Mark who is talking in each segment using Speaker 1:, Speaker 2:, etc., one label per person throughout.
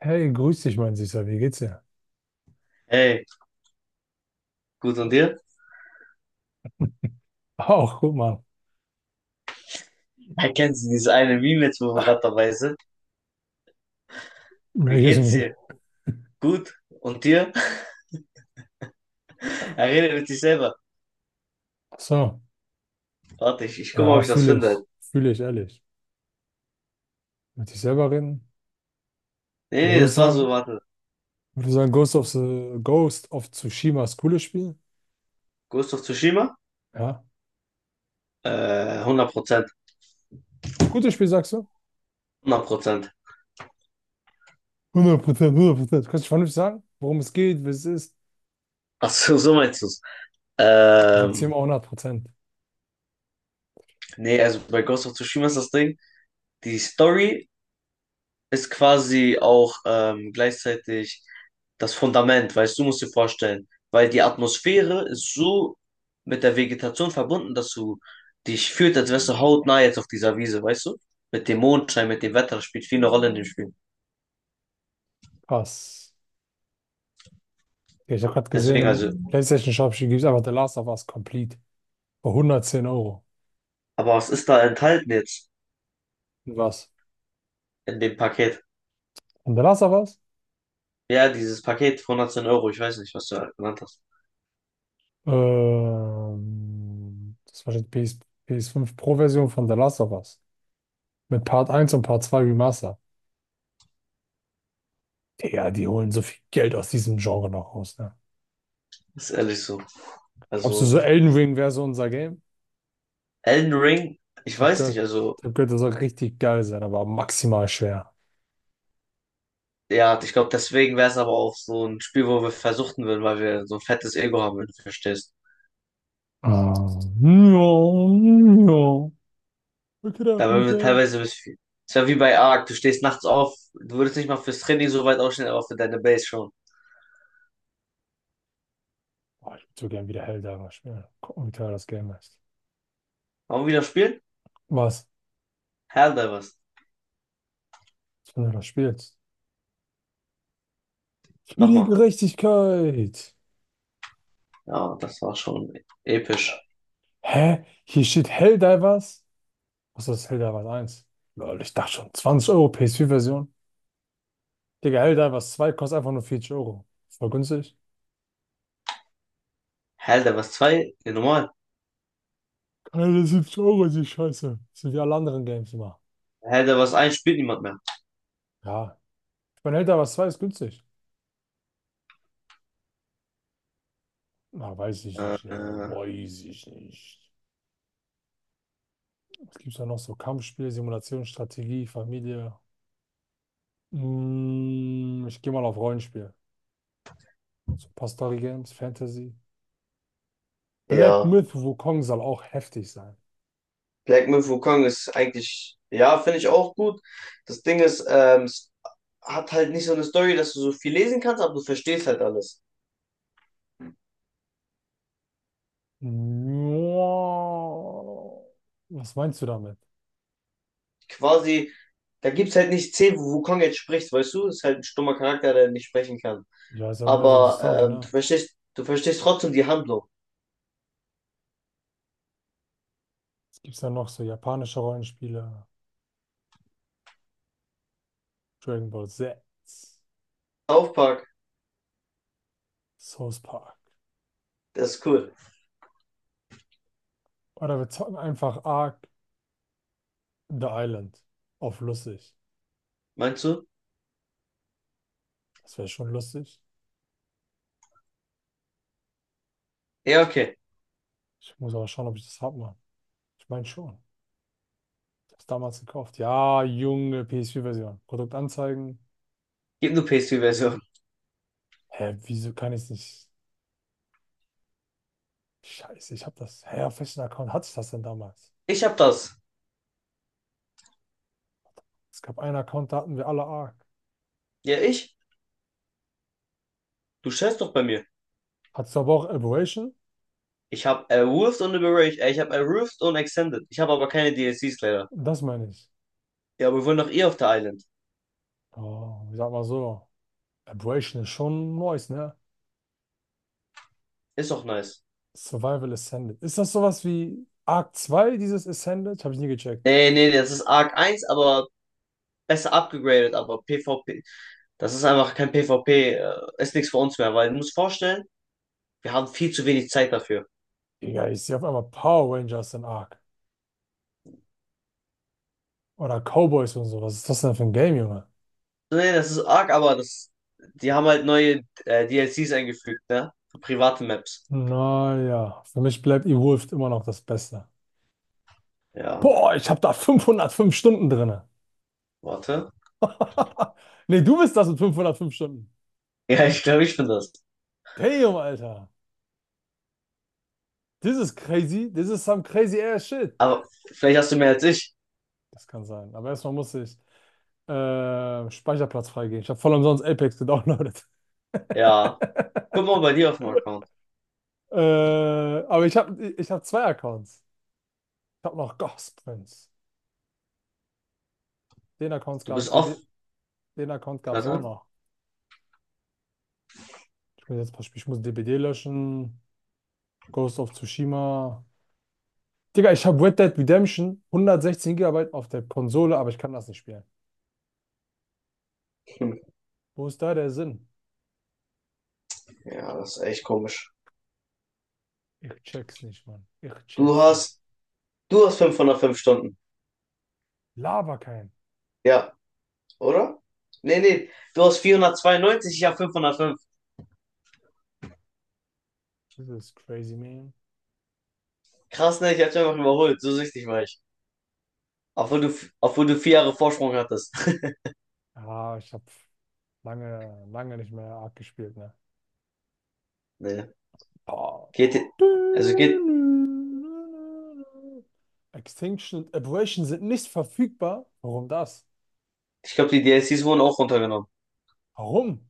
Speaker 1: Hey, grüß dich, mein Süßer. Wie geht's dir?
Speaker 2: Hey, gut und dir?
Speaker 1: Auch, guck mal.
Speaker 2: Erkennst du dieses eine Meme jetzt, wo wir gerade dabei sind? Wie
Speaker 1: Merk es
Speaker 2: geht's
Speaker 1: mir.
Speaker 2: dir? Gut? Und dir? Er redet mit sich selber.
Speaker 1: Ach so,
Speaker 2: Warte, ich guck mal, ob
Speaker 1: ja,
Speaker 2: ich das
Speaker 1: fühle ich.
Speaker 2: finde.
Speaker 1: Fühle ich, ehrlich. Mit dich selber reden?
Speaker 2: Nee,
Speaker 1: Oder
Speaker 2: nee, das
Speaker 1: würdest du
Speaker 2: war so,
Speaker 1: sagen,
Speaker 2: warte.
Speaker 1: würdest du sagen, Ghost of Tsushima ist cooles Spiel?
Speaker 2: Ghost of Tsushima?
Speaker 1: Ja.
Speaker 2: Äh, 100%.
Speaker 1: Ist gutes Spiel, sagst du?
Speaker 2: 100%.
Speaker 1: 100%, 100%. Kannst du vernünftig sagen, worum es geht, was es ist?
Speaker 2: Ach so, so meinst du's.
Speaker 1: Dann sagt sie ihm
Speaker 2: Ähm,
Speaker 1: auch 100%.
Speaker 2: nee, also bei Ghost of Tsushima ist das Ding, die Story ist quasi auch gleichzeitig das Fundament, weißt du, musst dir vorstellen, weil die Atmosphäre ist so mit der Vegetation verbunden, dass du dich fühlst, als wärst du hautnah jetzt auf dieser Wiese, weißt du? Mit dem Mondschein, mit dem Wetter, das spielt viel eine Rolle in dem Spiel.
Speaker 1: Krass. Ja, ich habe gerade gesehen,
Speaker 2: Deswegen
Speaker 1: im
Speaker 2: also,
Speaker 1: PlayStation Shop gibt es einfach The Last of Us Complete. Für 110 Euro.
Speaker 2: aber was ist da enthalten jetzt
Speaker 1: Und was?
Speaker 2: in dem Paket?
Speaker 1: Und The Last of Us?
Speaker 2: Ja, dieses Paket von 110 Euro, ich weiß nicht, was du genannt hast.
Speaker 1: Das war die PS, PS5 Pro-Version von The Last of Us. Mit Part eins und Part 2 Remastered. Digga, die holen so viel Geld aus diesem Genre noch raus, ne?
Speaker 2: Ist ehrlich so.
Speaker 1: Glaubst du,
Speaker 2: Also,
Speaker 1: so Elden Ring wäre so unser Game?
Speaker 2: Elden Ring, ich
Speaker 1: Ich habe
Speaker 2: weiß nicht,
Speaker 1: gehört,
Speaker 2: also.
Speaker 1: ich hab gehört, das soll richtig geil sein, aber maximal schwer.
Speaker 2: Ja, ich glaube, deswegen wäre es aber auch so ein Spiel, wo wir versuchten würden, weil wir so ein fettes Ego haben, wenn du verstehst.
Speaker 1: Ah, ja, ja. Look it
Speaker 2: Da
Speaker 1: up,
Speaker 2: würden wir
Speaker 1: okay.
Speaker 2: teilweise bis viel. Es wäre wie bei Ark, du stehst nachts auf, du würdest nicht mal fürs Training so weit aufstehen, aber für deine Base schon.
Speaker 1: Boah, ich würde so gern wieder Helldiver spielen. Gucken, wie teuer das Game ist.
Speaker 2: Wollen wir wieder spielen?
Speaker 1: Was?
Speaker 2: Helldivers.
Speaker 1: Wenn du das spielst. Für die
Speaker 2: Nochmal.
Speaker 1: Gerechtigkeit.
Speaker 2: Ja, das war schon episch.
Speaker 1: Hä? Hier steht Helldivers? Was ist das Helldivers 1? Lol, ich dachte schon, 20 Euro PS4-Version. Digga, Helldivers zwei kostet einfach nur 40 Euro. Voll günstig.
Speaker 2: Helldivers 2, ja, normal.
Speaker 1: 170 Euro ist die Scheiße. Das sind ja alle anderen Games immer.
Speaker 2: Helldivers 1 spielt niemand mehr.
Speaker 1: Ja. Ich meine, Elder was 2 ist günstig. Na, weiß ich nicht, ne?
Speaker 2: Äh,
Speaker 1: Weiß ich nicht. Was gibt's da noch so? Kampfspiel, Simulation, Strategie, Familie. Ich gehe mal auf Rollenspiel. So ein paar Story Games, Fantasy. Black
Speaker 2: ja,
Speaker 1: Myth Wukong soll auch heftig sein.
Speaker 2: Black Myth Wukong ist eigentlich, ja, finde ich auch gut. Das Ding ist, hat halt nicht so eine Story, dass du so viel lesen kannst, aber du verstehst halt alles.
Speaker 1: Nja. Was meinst du damit?
Speaker 2: Quasi, da gibt's halt nicht 10, wo Wukong jetzt spricht, weißt du? Ist halt ein stummer Charakter, der nicht sprechen kann.
Speaker 1: Ja, ist aber mehr so die
Speaker 2: Aber
Speaker 1: Story,
Speaker 2: du
Speaker 1: ne?
Speaker 2: verstehst, du verstehst trotzdem die Handlung.
Speaker 1: Es gibt ja noch so japanische Rollenspiele. Dragon Ball Z,
Speaker 2: South Park,
Speaker 1: South Park.
Speaker 2: das ist cool.
Speaker 1: Oder wir zocken einfach Ark The Island auf lustig.
Speaker 2: Meinst du?
Speaker 1: Das wäre schon lustig.
Speaker 2: Ja, okay.
Speaker 1: Ich muss aber schauen, ob ich das hab, Mann. Ich meine schon. Ich hab's damals gekauft. Ja, junge PS4-Version. Produkt anzeigen.
Speaker 2: Gib nur PS4-Version.
Speaker 1: Hä, wieso kann ich nicht? Scheiße, ich hab das. Hä, auf welchen Account hatte ich das denn damals?
Speaker 2: Ich hab das.
Speaker 1: Es gab einen Account, da hatten wir alle Ark.
Speaker 2: Ja, ich? Du schätzt doch bei mir.
Speaker 1: Hattest du aber auch Aberration?
Speaker 2: Ich hab Erwurft und Liberation, ich hab Erwurft und Extended. Ich habe aber keine DLCs leider.
Speaker 1: Das meine ich.
Speaker 2: Ja, aber wir wollen doch eh auf der Island.
Speaker 1: Oh, ich sag mal so. Aberration ist schon nice, ne?
Speaker 2: Ist doch nice.
Speaker 1: Survival Ascended. Ist das sowas wie Ark 2? Dieses Ascended? Habe ich nie gecheckt.
Speaker 2: Nee, nee, das ist Arc 1, aber besser abgegradet, aber PvP, das ist einfach kein PvP, ist nichts für uns mehr, weil du musst vorstellen, wir haben viel zu wenig Zeit dafür.
Speaker 1: Digga, ich sehe auf einmal Power Rangers in Ark. Oder Cowboys und so. Was ist das denn für ein Game, Junge?
Speaker 2: Nee, das ist arg, aber das, die haben halt neue DLCs eingefügt, ne? Für private Maps.
Speaker 1: Naja, für mich bleibt Evolved immer noch das Beste.
Speaker 2: Ja,
Speaker 1: Boah, ich habe da 505 Stunden drinne.
Speaker 2: warte.
Speaker 1: Nee, du bist das mit 505 Stunden.
Speaker 2: Ja, ich glaube, ich bin das.
Speaker 1: Damn, Alter. This is crazy. This is some crazy ass shit.
Speaker 2: Aber vielleicht hast du mehr als ich.
Speaker 1: Das kann sein. Aber erstmal muss ich Speicherplatz freigeben. Ich habe voll umsonst Apex gedownloadet.
Speaker 2: Ja. Guck mal bei dir auf dem Account.
Speaker 1: Äh, aber ich hab zwei Accounts. Ich habe noch Ghost Prince. Den Account
Speaker 2: Du
Speaker 1: gab,
Speaker 2: bist off.
Speaker 1: den, Account gab's auch
Speaker 2: Warte.
Speaker 1: noch. Ich muss jetzt ein paar Spiele, ich muss DBD löschen, Ghost of Tsushima. Digga, ich habe Red Dead Redemption 116 Gigabyte auf der Konsole, aber ich kann das nicht spielen.
Speaker 2: Hm.
Speaker 1: Wo ist da der Sinn?
Speaker 2: Ja, das ist echt komisch.
Speaker 1: Ich check's nicht, Mann. Ich
Speaker 2: Du
Speaker 1: check's nicht.
Speaker 2: hast, du hast 505 Stunden.
Speaker 1: Laber kein.
Speaker 2: Ja, oder? Nee, nee. Du hast 492, ich habe 505.
Speaker 1: Das ist crazy, man.
Speaker 2: Krass, ne? Ich hab's einfach überholt. So süchtig war ich. Obwohl du, obwohl du 4 Jahre Vorsprung hattest.
Speaker 1: Ah, ich habe lange, lange nicht mehr arg gespielt, ne?
Speaker 2: Nee.
Speaker 1: Boah.
Speaker 2: Geht, also geht,
Speaker 1: Extinction und Aberration sind nicht verfügbar. Warum das?
Speaker 2: ich glaube, die D DLCs wurden auch runtergenommen.
Speaker 1: Warum?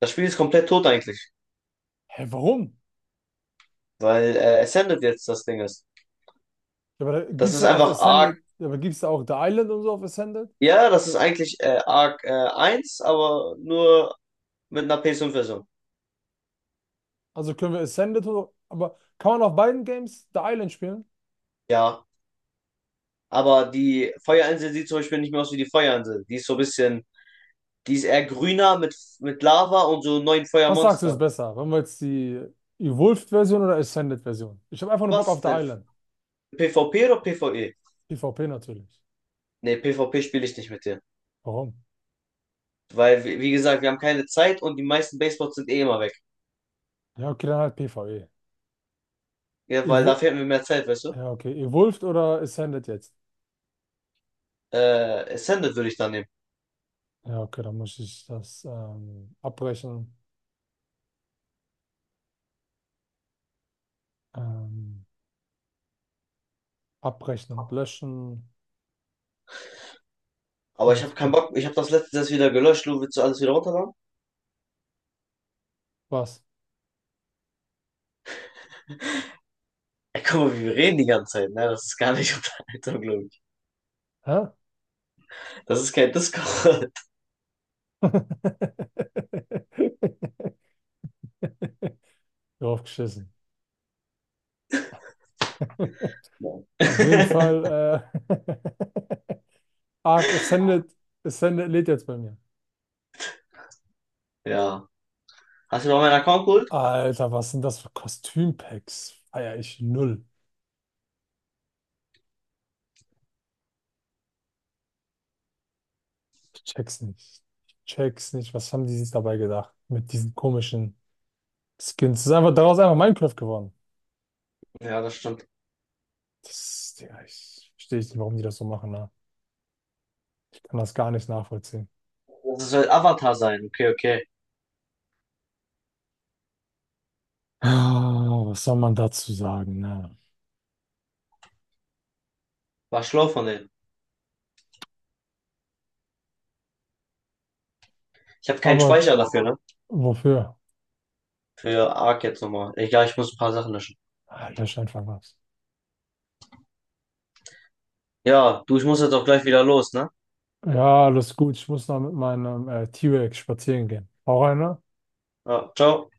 Speaker 2: Das Spiel ist komplett tot eigentlich,
Speaker 1: Hä, warum?
Speaker 2: weil Ascended jetzt das Ding ist.
Speaker 1: Ja, aber da
Speaker 2: Das
Speaker 1: gibt's
Speaker 2: ist
Speaker 1: dann auf
Speaker 2: einfach Arc,
Speaker 1: Ascended, ja, aber gibt's da auch The Island und so auf Ascended?
Speaker 2: ja, das ist eigentlich Arc 1, aber nur mit einer PS5 version.
Speaker 1: Also können wir Ascended oder, aber kann man auf beiden Games The Island spielen?
Speaker 2: Ja, aber die Feuerinsel sieht zum Beispiel nicht mehr aus wie die Feuerinsel. Die ist so ein bisschen, die ist eher grüner mit, Lava und so neuen
Speaker 1: Was sagst du ist
Speaker 2: Feuermonstern.
Speaker 1: besser? Wollen wir jetzt die Evolved-Version oder Ascended-Version? Ich habe einfach nur Bock auf
Speaker 2: Was
Speaker 1: The
Speaker 2: denn?
Speaker 1: Island.
Speaker 2: PvP oder PvE?
Speaker 1: PvP natürlich.
Speaker 2: Nee, PvP spiele ich nicht mit dir.
Speaker 1: Warum?
Speaker 2: Weil, wie gesagt, wir haben keine Zeit und die meisten Baseboards sind eh immer weg.
Speaker 1: Ja, okay, dann halt PvE.
Speaker 2: Ja, weil da
Speaker 1: Evo
Speaker 2: fehlt mir mehr Zeit, weißt du?
Speaker 1: ja, okay, Evolved oder Ascended jetzt?
Speaker 2: Ascended würde ich dann nehmen.
Speaker 1: Ja, okay, dann muss ich das abbrechen, ähm, abrechnen, löschen.
Speaker 2: Aber
Speaker 1: Und
Speaker 2: ich habe
Speaker 1: jetzt
Speaker 2: keinen
Speaker 1: geht-
Speaker 2: Bock, ich habe das letzte das wieder gelöscht, du willst du alles wieder runterladen?
Speaker 1: Was?
Speaker 2: Ey, guck mal, wie wir reden die ganze Zeit, ne? Das ist gar nicht Unterhaltung, glaube ich.
Speaker 1: Hä?
Speaker 2: Das ist kein Discord.
Speaker 1: Draufgeschissen. Auf jeden Fall, äh, Arc Ascended, Ascended lädt jetzt bei mir.
Speaker 2: Ja. Hast du noch meinen Account geholt?
Speaker 1: Alter, was sind das für Kostümpacks? Feier ich null. Ich check's nicht. Ich check's nicht. Was haben die sich dabei gedacht? Mit diesen komischen Skins. Das ist einfach daraus einfach Minecraft geworden.
Speaker 2: Ja, das stimmt.
Speaker 1: Das, Digga, ich verstehe nicht, warum die das so machen, ne? Ich kann das gar nicht nachvollziehen.
Speaker 2: Das soll Avatar sein. Okay, okay.
Speaker 1: Ah, was soll man dazu sagen, ne?
Speaker 2: War schlau von denen. Ich habe keinen
Speaker 1: Aber
Speaker 2: Speicher dafür, ne?
Speaker 1: wofür?
Speaker 2: Für Ark jetzt nochmal. Egal, ich muss ein paar Sachen löschen.
Speaker 1: Ah, Lösch einfach was.
Speaker 2: Ja, du, ich muss jetzt auch gleich wieder los, ne?
Speaker 1: Ja, alles gut. Ich muss noch mit meinem T-Rex spazieren gehen. Hau rein, ne?
Speaker 2: Ja, ciao.